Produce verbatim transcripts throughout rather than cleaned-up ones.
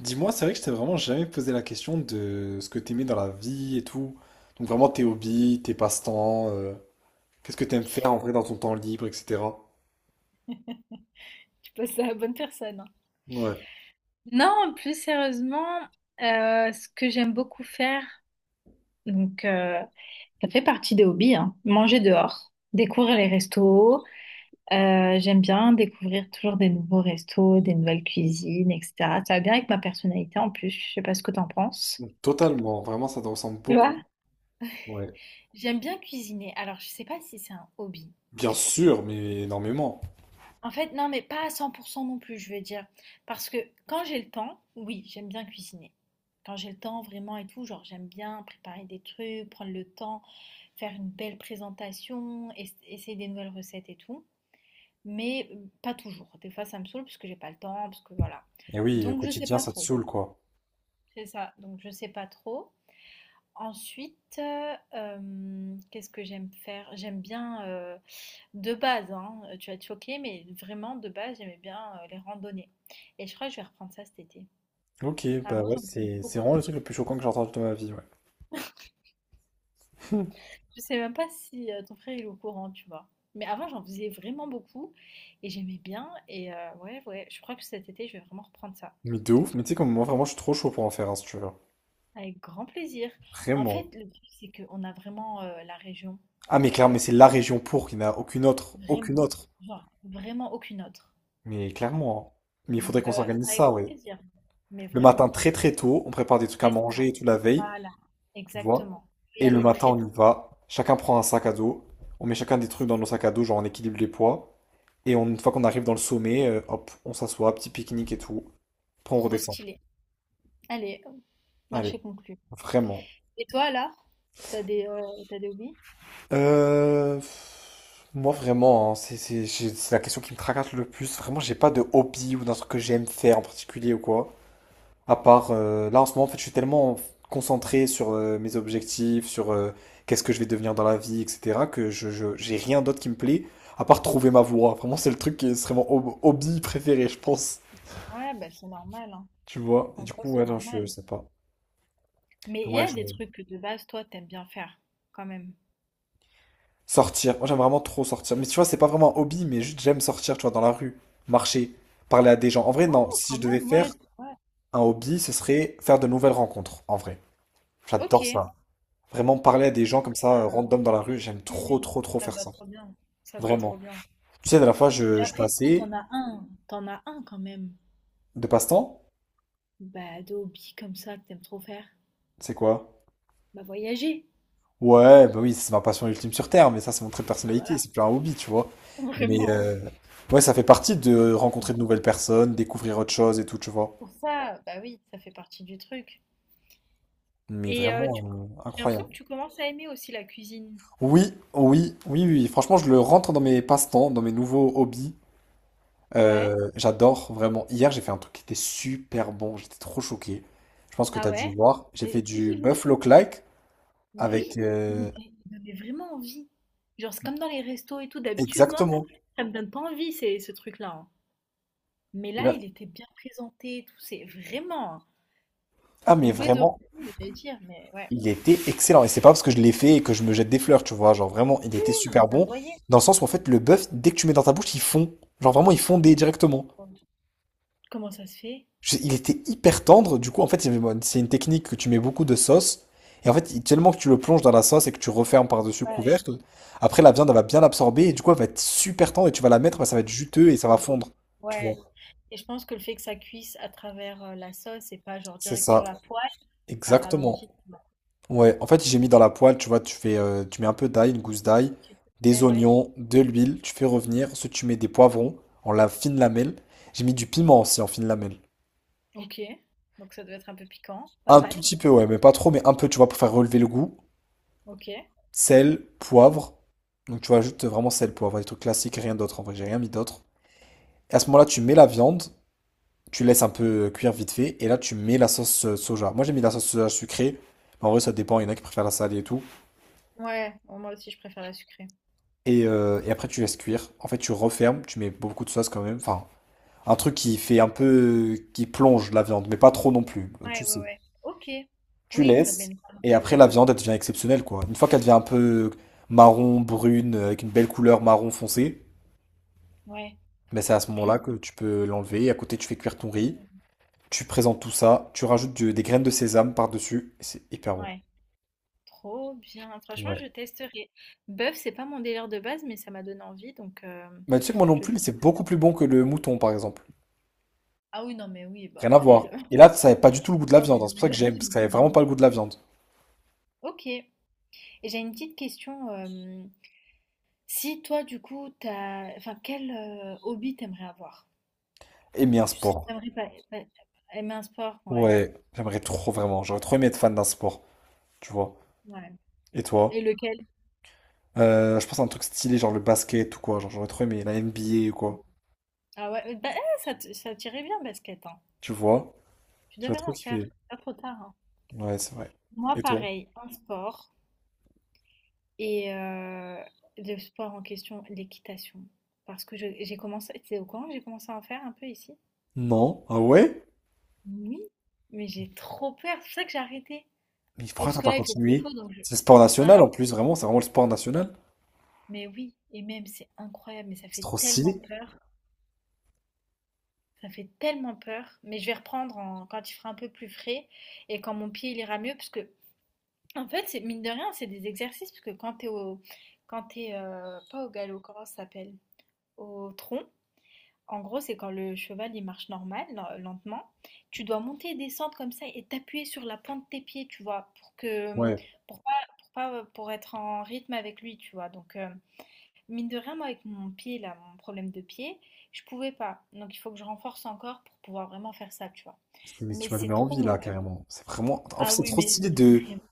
Dis-moi, c'est vrai que je t'ai vraiment jamais posé la question de ce que t'aimais dans la vie et tout. Donc vraiment tes hobbies, tes passe-temps, euh, qu'est-ce que t'aimes faire en vrai dans ton temps libre, et cetera. Passe à la bonne personne, hein. Ouais, Non, plus sérieusement, euh, ce que j'aime beaucoup faire, donc euh, ça fait partie des hobbies, hein, manger dehors, découvrir les restos. Euh, j'aime bien découvrir toujours des nouveaux restos, des nouvelles cuisines, et cetera. Ça va bien avec ma personnalité en plus. Je sais pas ce que t'en penses. totalement, vraiment ça te ressemble Tu beaucoup. vois? Ouais. J'aime bien cuisiner. Alors, je sais pas si c'est un hobby. Bien sûr, mais énormément. En fait, non, mais pas à cent pour cent non plus, je veux dire. Parce que quand j'ai le temps, oui, j'aime bien cuisiner. Quand j'ai le temps vraiment et tout, genre j'aime bien préparer des trucs, prendre le temps, faire une belle présentation, es- essayer des nouvelles recettes et tout. Mais euh, pas toujours. Des fois, ça me saoule parce que j'ai pas le temps, parce que voilà. Et oui, au Donc, je sais quotidien, pas ça te trop. saoule, quoi. C'est ça. Donc, je sais pas trop. Ensuite, heu, qu'est-ce que j'aime faire? J'aime bien, heu, de base, hein, tu vas te choquer, mais vraiment de base, j'aimais bien, heu, les randonnées et je crois que je vais reprendre ça cet été. Ok, bah Avant, ouais, j'en faisais c'est c'est beaucoup. vraiment le truc le plus choquant que j'ai entendu de ma vie, ouais. Je sais même pas si, heu, ton frère il est au courant, tu vois? Mais avant, j'en faisais vraiment beaucoup et j'aimais bien et heu, ouais, ouais, je crois que cet été, je vais vraiment reprendre ça. Mais de ouf, mais tu sais comme moi vraiment je suis trop chaud pour en faire un si tu veux. Avec grand plaisir. En Vraiment. fait, le truc, c'est qu'on a vraiment, heu, la région, Ah mais heu, clairement, mais c'est la région pour, qu'il n'y en a aucune autre, aucune vraiment, autre. genre vraiment aucune autre. Mais clairement, hein. Mais il faudrait Donc, qu'on heu, s'organise avec ça, grand ouais. plaisir, mais Le matin, vraiment, très très tôt, on prépare des trucs à c'est ça. manger et tout la veille, Voilà, tu vois. exactement. Je vais Et y le aller matin, très, on très y va. Chacun prend un sac à dos. On met chacun des trucs C'est dans nos sacs à dos, genre on équilibre les poids. Et on- une fois qu'on arrive dans le sommet, euh, hop, on s'assoit, petit pique-nique et tout. Après, on trop redescend. stylé. Allez, hop, Allez, marché conclu. vraiment. Et toi alors? T'as des, heu, tu des hobbies? Euh, pff, Moi, vraiment, hein, c'est c'est- j'ai- c'est la question qui me tracasse le plus. Vraiment, j'ai pas de hobby ou d'un truc que j'aime faire en particulier ou quoi. À part, euh, là en ce moment, en fait, je suis tellement concentré sur euh, mes objectifs, sur euh, qu'est-ce que je vais devenir dans la vie, et cetera, que je, je- j'ai rien d'autre qui me plaît, à part trouver ma voie. Vraiment, c'est le truc qui serait mon hob- hobby préféré, je pense. Ouais, bah, c'est normal, hein. Tu vois? Et En du soi, coup, c'est ouais, non, je normal. sais pas. Mais il y Ouais, a je... des trucs que de base, toi, t'aimes bien faire, quand même? Sortir. Moi, j'aime vraiment trop sortir. Mais tu vois, c'est pas vraiment un hobby, mais juste j'aime sortir, tu vois, dans la rue, marcher, parler à des gens. En vrai, non, Oh, si quand je devais même, ouais, faire t ouais. un hobby, ce serait faire de nouvelles rencontres, en vrai. J'adore OK. ça. Vraiment parler à des gens comme ça, euh, Ah, random dans la rue, j'aime oui, trop, oui, trop, trop ça te faire va ça. trop bien, ça te va Vraiment. trop bien. Tu sais, de la fois, Et je, je après si, passais t'en as un, t'en as un quand même, de passe-temps. bah, de hobby comme ça que t'aimes trop faire? C'est quoi? Bah, voyager. Ouais, bah oui, c'est ma passion ultime sur Terre, mais ça, c'est mon trait de Bah, personnalité, voilà. c'est plus un hobby, tu vois. Mais Vraiment. euh, ouais, ça fait partie de rencontrer de nouvelles personnes, découvrir autre chose et tout, tu vois. Pour ça, bah oui, ça fait partie du truc. Mais Et heu, vraiment tu euh, J'ai l'impression que incroyable. tu commences à aimer aussi la cuisine. Oui, oui, oui, oui, oui. Franchement, je le rentre dans mes passe-temps, dans mes nouveaux hobbies. Ouais. Euh, j'adore vraiment. Hier, j'ai fait un truc qui était super bon. J'étais trop choqué. Je pense que tu Ah as dû ouais? voir. J'ai Mais fait oui, du oui, buffalo oui. like avec Oui, il euh, m'était il me donnait vraiment envie. Genre, c'est comme dans les restos et tout, d'habitude, moi, exactement. ça me donne pas envie, c'est ce truc-là, hein. Mais Et là, là- il était bien présenté et tout, c'est vraiment, hein. Ah Et mais j'ai oublié de vraiment, répondre, j'allais dire, mais ouais. il était excellent. Et c'est pas parce que je l'ai fait et que je me jette des fleurs, tu vois. Genre vraiment, il Oui, était oui, non, mais super ça se bon. voyait, Dans le sens où en fait, le bœuf, dès que tu mets dans ta bouche, il fond. Genre vraiment, il fondait directement. quoi. Comment ça se fait? J'ai- Il était hyper tendre, du coup, en fait, c'est c'est une technique que tu mets beaucoup de sauce, et en fait, il- tellement que tu le plonges dans la sauce et que tu refermes par-dessus le Ouais, couvercle, après la viande, elle va bien l'absorber, et du coup, elle va être super tendre, et tu vas la mettre, bah, ça va OK. être juteux et ça va fondre. Tu vois, Ouais. Et je pense que le fait que ça cuise à travers euh, la sauce et pas genre c'est direct sur ça, la poêle, ça exactement. ralentit. Ouais, en fait, j'ai mis dans la poêle, tu vois, tu fais, euh, tu mets un peu d'ail, une gousse d'ail, Tu- Ouais, des ouais. oignons, de l'huile, tu fais revenir, ensuite tu mets des poivrons en la fine lamelle, j'ai mis du piment aussi en fine lamelle. Ok. Donc ça doit être un peu piquant, pas Un tout mal. petit peu, ouais, mais pas trop, mais un peu, tu vois, pour faire relever le goût. Ok. Sel, poivre. Donc tu ajoutes vraiment sel, poivre, des trucs classiques, rien d'autre en vrai, j'ai rien mis d'autre. Et à ce moment-là, tu mets la viande, tu laisses un peu euh, cuire vite fait, et là tu mets la sauce euh, soja. Moi j'ai mis la sauce soja sucrée, mais en vrai ça dépend, il y en a qui préfèrent la salée et tout. Ouais, bon, moi aussi je préfère la sucrée. Et, euh, et après tu laisses cuire. En fait tu refermes, tu mets beaucoup de sauce quand même. Enfin, un truc qui fait un peu, qui plonge la viande, mais pas trop non plus, Ouais, tu ouais, sais. ouais. Ok. Tu Oui, que ça laisses, baigne pas non et plus, après euh, la viande elle devient exceptionnelle quoi. Une fois qu'elle devient un peu marron, brune, euh, avec une belle couleur marron foncé, ouais, ben, c'est à ce moment-là que tu peux l'enlever. Et à côté, tu fais cuire ton riz. Tu présentes tout ça. Tu rajoutes du- des graines de sésame par-dessus. Et c'est hyper bon. ouais. Trop bien. Franchement, Ouais. je testerai. Bœuf, c'est pas mon délire de base, mais ça m'a donné envie. Donc, euh, Mais tu sais que moi non je. plus, c'est beaucoup plus bon que le mouton, par exemple. Ah oui, non, mais oui, bah Rien à après, voir. euh, Et là, ça n'avait pas du tout le goût de la ah viande, oui, hein. non, C'est pour mais ça la que j'aime, vie, parce mais que ça tout. n'avait vraiment pas le goût de la viande. Ok. Et j'ai une petite question. euh, Si toi, du coup, t'as, enfin, quel euh, hobby t'aimerais avoir? Aimer un Tu sais- sport. t'aimerais pas, pas- Aimer un sport, ouais, Ouais, j'aimerais trop vraiment. J'aurais trop aimé être fan d'un sport, tu vois. ouais. Et Et toi? lequel? Euh, je pense à un truc stylé, genre le basket ou quoi. Genre, j'aurais trop aimé la N B A ou quoi. Ah ouais, bah, eh, ça, te- ça t'irait bien, basket, hein. Tu vois? Tu J'aurais devrais trop en faire, kiffé. pas trop tard, hein. Ouais, c'est vrai. Moi, Et toi? pareil, un sport et euh, le sport en question, l'équitation. Parce que je- j'ai commencé, tu sais, au courant, que j'ai commencé à en faire un peu ici. Non. Ah ouais? Oui, mais j'ai trop peur, c'est pour ça que j'ai arrêté. Mais Et pourquoi parce t'as que pas là, il fait trop continué? chaud, donc je... C'est le sport national Hein? en plus, vraiment, c'est vraiment le sport national. Mais oui, et même c'est incroyable, mais ça C'est fait trop tellement stylé. peur. Ça fait tellement peur, mais je vais reprendre en- quand il fera un peu plus frais et quand mon pied il ira mieux, parce que en fait, c'est mine de rien, c'est des exercices, parce que quand t'es au, quand t'es euh, pas au galop, comment ça s'appelle? Au tronc. En gros, c'est quand le cheval il marche normal, len- lentement. Tu dois monter et descendre comme ça et t'appuyer sur la plante de tes pieds, tu vois, pour que, Ouais, pour pas, pour pas, pour être en rythme avec lui, tu vois. Donc euh, mine de rien, moi, avec mon pied, là, mon problème de pied, je pouvais pas. Donc, il faut que je renforce encore pour pouvoir vraiment faire ça, tu vois. mais Mais tu m'as c'est donné trop envie mon là, rêve. carrément. C'est vraiment. En fait, Ah c'est oui, trop mais stylé de. vraiment.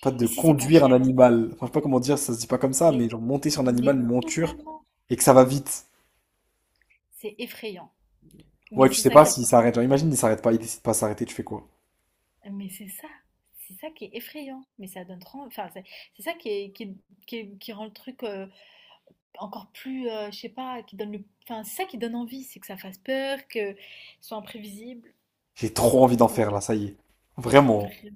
Pas de Ici, c'est pas conduire un cher, c'est animal. pour Enfin, je sais ça. pas comment dire, ça se dit pas comme ça, Mais, mais genre monter sur un animal, mais une monture, tellement, et que ça va vite. c'est effrayant. Mais Ouais, tu c'est sais ça pas qui est s'il trop. s'arrête. Genre, imagine, il s'arrête pas, il décide pas de s'arrêter, tu fais quoi? Mais c'est ça, c'est ça qui est effrayant. Mais ça donne trop. Enfin, c'est c'est ça qui est, qui est- qui est- qui rend le truc euh, encore plus, euh, je sais pas, qui donne le. Enfin, c'est ça qui donne envie, c'est que ça fasse peur, que ce soit imprévisible. J'ai trop envie d'en Donc. faire là, ça y est. Vraiment. vra-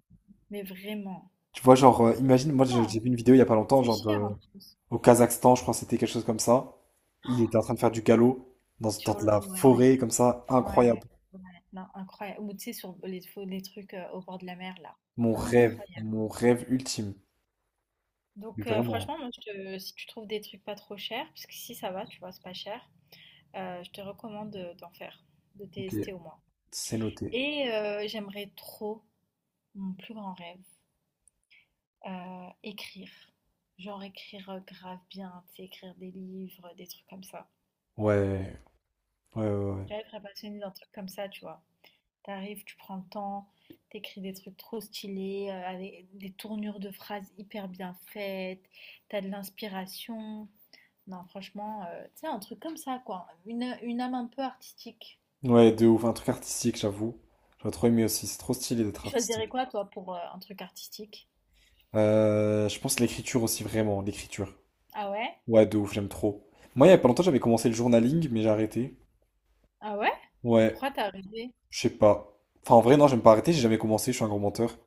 Mais vraiment. Tu vois, genre, euh, imagine, moi j'ai j'ai vu une vidéo il y a pas longtemps, C'est genre cher en plus. au Kazakhstan, je crois que c'était quelque chose comme ça. Il était en Oh, train de faire du galop dans, dans Sur de le la ouais, forêt, comme ça, ouais, incroyable. ouais, non, incroyable. Ou tu sais, sur les, faux- les trucs euh, au bord de la mer, là. Mon rêve, Incroyable. mon rêve ultime. Mais Donc, euh, vraiment, franchement, moi, je te- si tu trouves des trucs pas trop chers, parce que si ça va, tu vois, c'est pas cher, euh, je te recommande de- d'en faire, de ok, tester au moins. c'est noté. Et euh, j'aimerais trop, mon plus grand rêve, euh, écrire. Genre écrire euh, grave bien, tu sais, écrire des livres, des trucs comme ça. Ouais, ouais, ouais, J'aimerais être passionnée d'un truc comme ça, tu vois. T'arrives, tu prends le temps, t'écris des trucs trop stylés, euh, avec des tournures de phrases hyper bien faites, t'as de l'inspiration. Non, franchement, euh, tu sais, un truc comme ça, quoi. Une, une âme un peu artistique. ouais. Ouais, de ouf, un truc artistique, j'avoue. J'aurais trop aimé aussi, c'est trop stylé d'être Tu artistique. choisirais quoi, toi, pour euh, un truc artistique? Euh, je pense l'écriture aussi, vraiment, l'écriture. Ah ouais? Ouais, de ouf, j'aime trop. Moi, il y a pas longtemps, j'avais commencé le journaling, mais j'ai arrêté. Ah ouais? Ouais, Pourquoi t'as arrêté? je sais pas. Enfin, en vrai, non, j'aime pas arrêter, j'ai jamais commencé, je suis un gros menteur.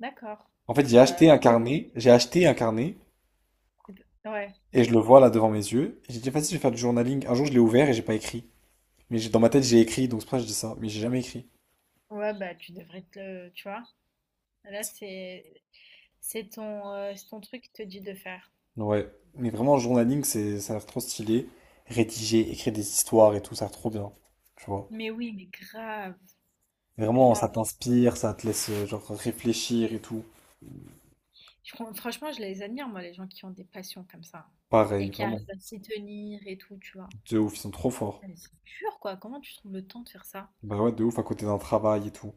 D'accord. En fait, j'ai Bah, acheté un tu- carnet, j'ai acheté un carnet. ouais. Et je le vois là devant mes yeux. Et j'ai dit, vas-y, je vais faire du journaling. Un jour, je l'ai ouvert et j'ai pas écrit. Mais j'ai- dans ma tête, j'ai écrit, donc c'est pour ça que je dis ça. Mais j'ai jamais écrit. Ouais, bah, tu devrais te le... tu vois? Là, c'est c'est ton, euh, c'est ton truc qui te dit de faire. Ouais. Mais vraiment, le journaling, c'est, ça a l'air trop stylé. Rédiger, écrire des histoires et tout, ça a l'air trop bien. Tu vois. Mais oui, mais grave, Vraiment, ça grave. t'inspire, ça te laisse, euh, genre, réfléchir et tout. Je com Franchement, je les admire, moi, les gens qui ont des passions comme ça et Pareil, qui arrivent vraiment. à s'y tenir et tout, tu vois? De ouf, ils sont trop forts. Mais c'est dur, quoi. Comment tu trouves le temps de faire ça? Bah ouais, de ouf, à côté d'un travail et tout.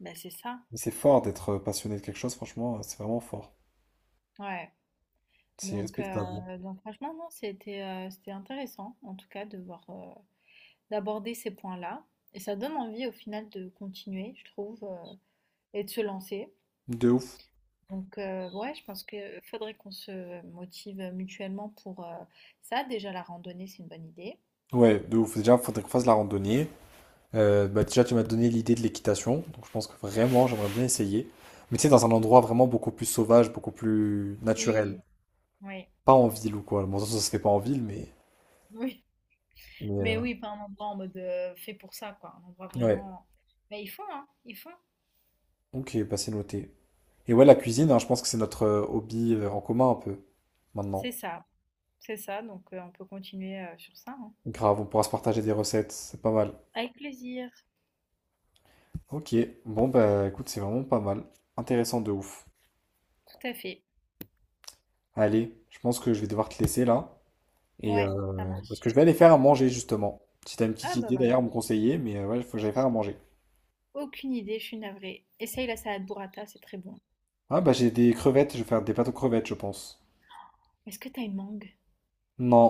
Bah, c'est ça. Mais c'est fort d'être euh, passionné de quelque chose, franchement, euh, c'est vraiment fort. Ouais. C'est Donc, respectable. heu, donc franchement, non, c'était, heu, c'était intéressant, en tout cas, de voir, heu, d'aborder ces points-là et ça donne envie, au final, de continuer, je trouve, heu et de se lancer. De ouf. Donc, heu, ouais, je pense qu'il faudrait qu'on se motive mutuellement pour, heu, ça. Déjà, la randonnée, c'est une bonne idée. Ouais, de ouf. Déjà, faudrait qu'on fasse la randonnée. Euh, bah déjà, tu m'as donné l'idée de l'équitation, donc je pense que vraiment, j'aimerais bien essayer. Mais tu sais, dans un endroit vraiment beaucoup plus sauvage, beaucoup plus naturel. Oui, oui, Pas en ville ou quoi. Bon, ça, ça se fait pas en ville, mais... oui. mais, Mais euh, oui, pas un endroit en mode euh, fait pour ça, quoi. Un endroit ouais, vraiment. Mais ils font, hein, ils font. ok, bah c'est noté. Et ouais, la cuisine, hein, je pense que c'est notre euh, hobby euh, en commun un peu, C'est maintenant. ça, c'est ça. Donc euh, on peut continuer euh, sur ça, hein. Grave, on pourra se partager des recettes, c'est pas mal. Avec plaisir, Ok, bon bah écoute, c'est vraiment pas mal. Intéressant de ouf. tout à fait. Allez, je pense que je vais devoir te laisser là. Et Ouais, ça euh, parce marche. que je vais aller faire à manger justement. Si t'as une petite Ah bah idée voilà. d'ailleurs à me conseiller, mais euh, ouais, il faut que j'aille faire à manger. Aucune idée, je suis navrée. Essaye la salade burrata, c'est très bon. Ah bah j'ai des crevettes, je vais faire des pâtes aux crevettes, je pense. Est-ce que t'as une mangue? Non,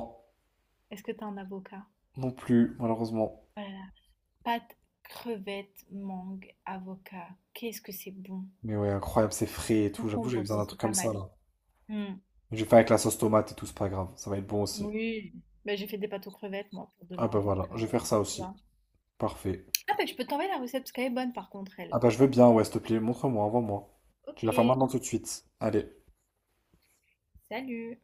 Est-ce que t'as un avocat? non plus, malheureusement. Oh là là, pâte, crevette, mangue, avocat. Qu'est-ce que c'est bon. Mais ouais, incroyable, c'est frais et tout. J'avoue, Concombre j'avais besoin aussi, d'un truc c'est pas comme ça mal. là. Hmm. Je vais faire avec la sauce tomate et tout, c'est pas grave. Ça va être bon aussi. Oui. Bah, j'ai fait des pâtes aux crevettes, moi, pour Ah demain, bah donc voilà, euh, je vais faire ça tu aussi. vois. Parfait. Ah bah, je peux t'envoyer la recette parce qu'elle est bonne par contre Ah elle. bah je veux bien, ouais, s'il te plaît, montre-moi, envoie-moi. Tu la fais OK, maintenant tout de suite. Allez. salut.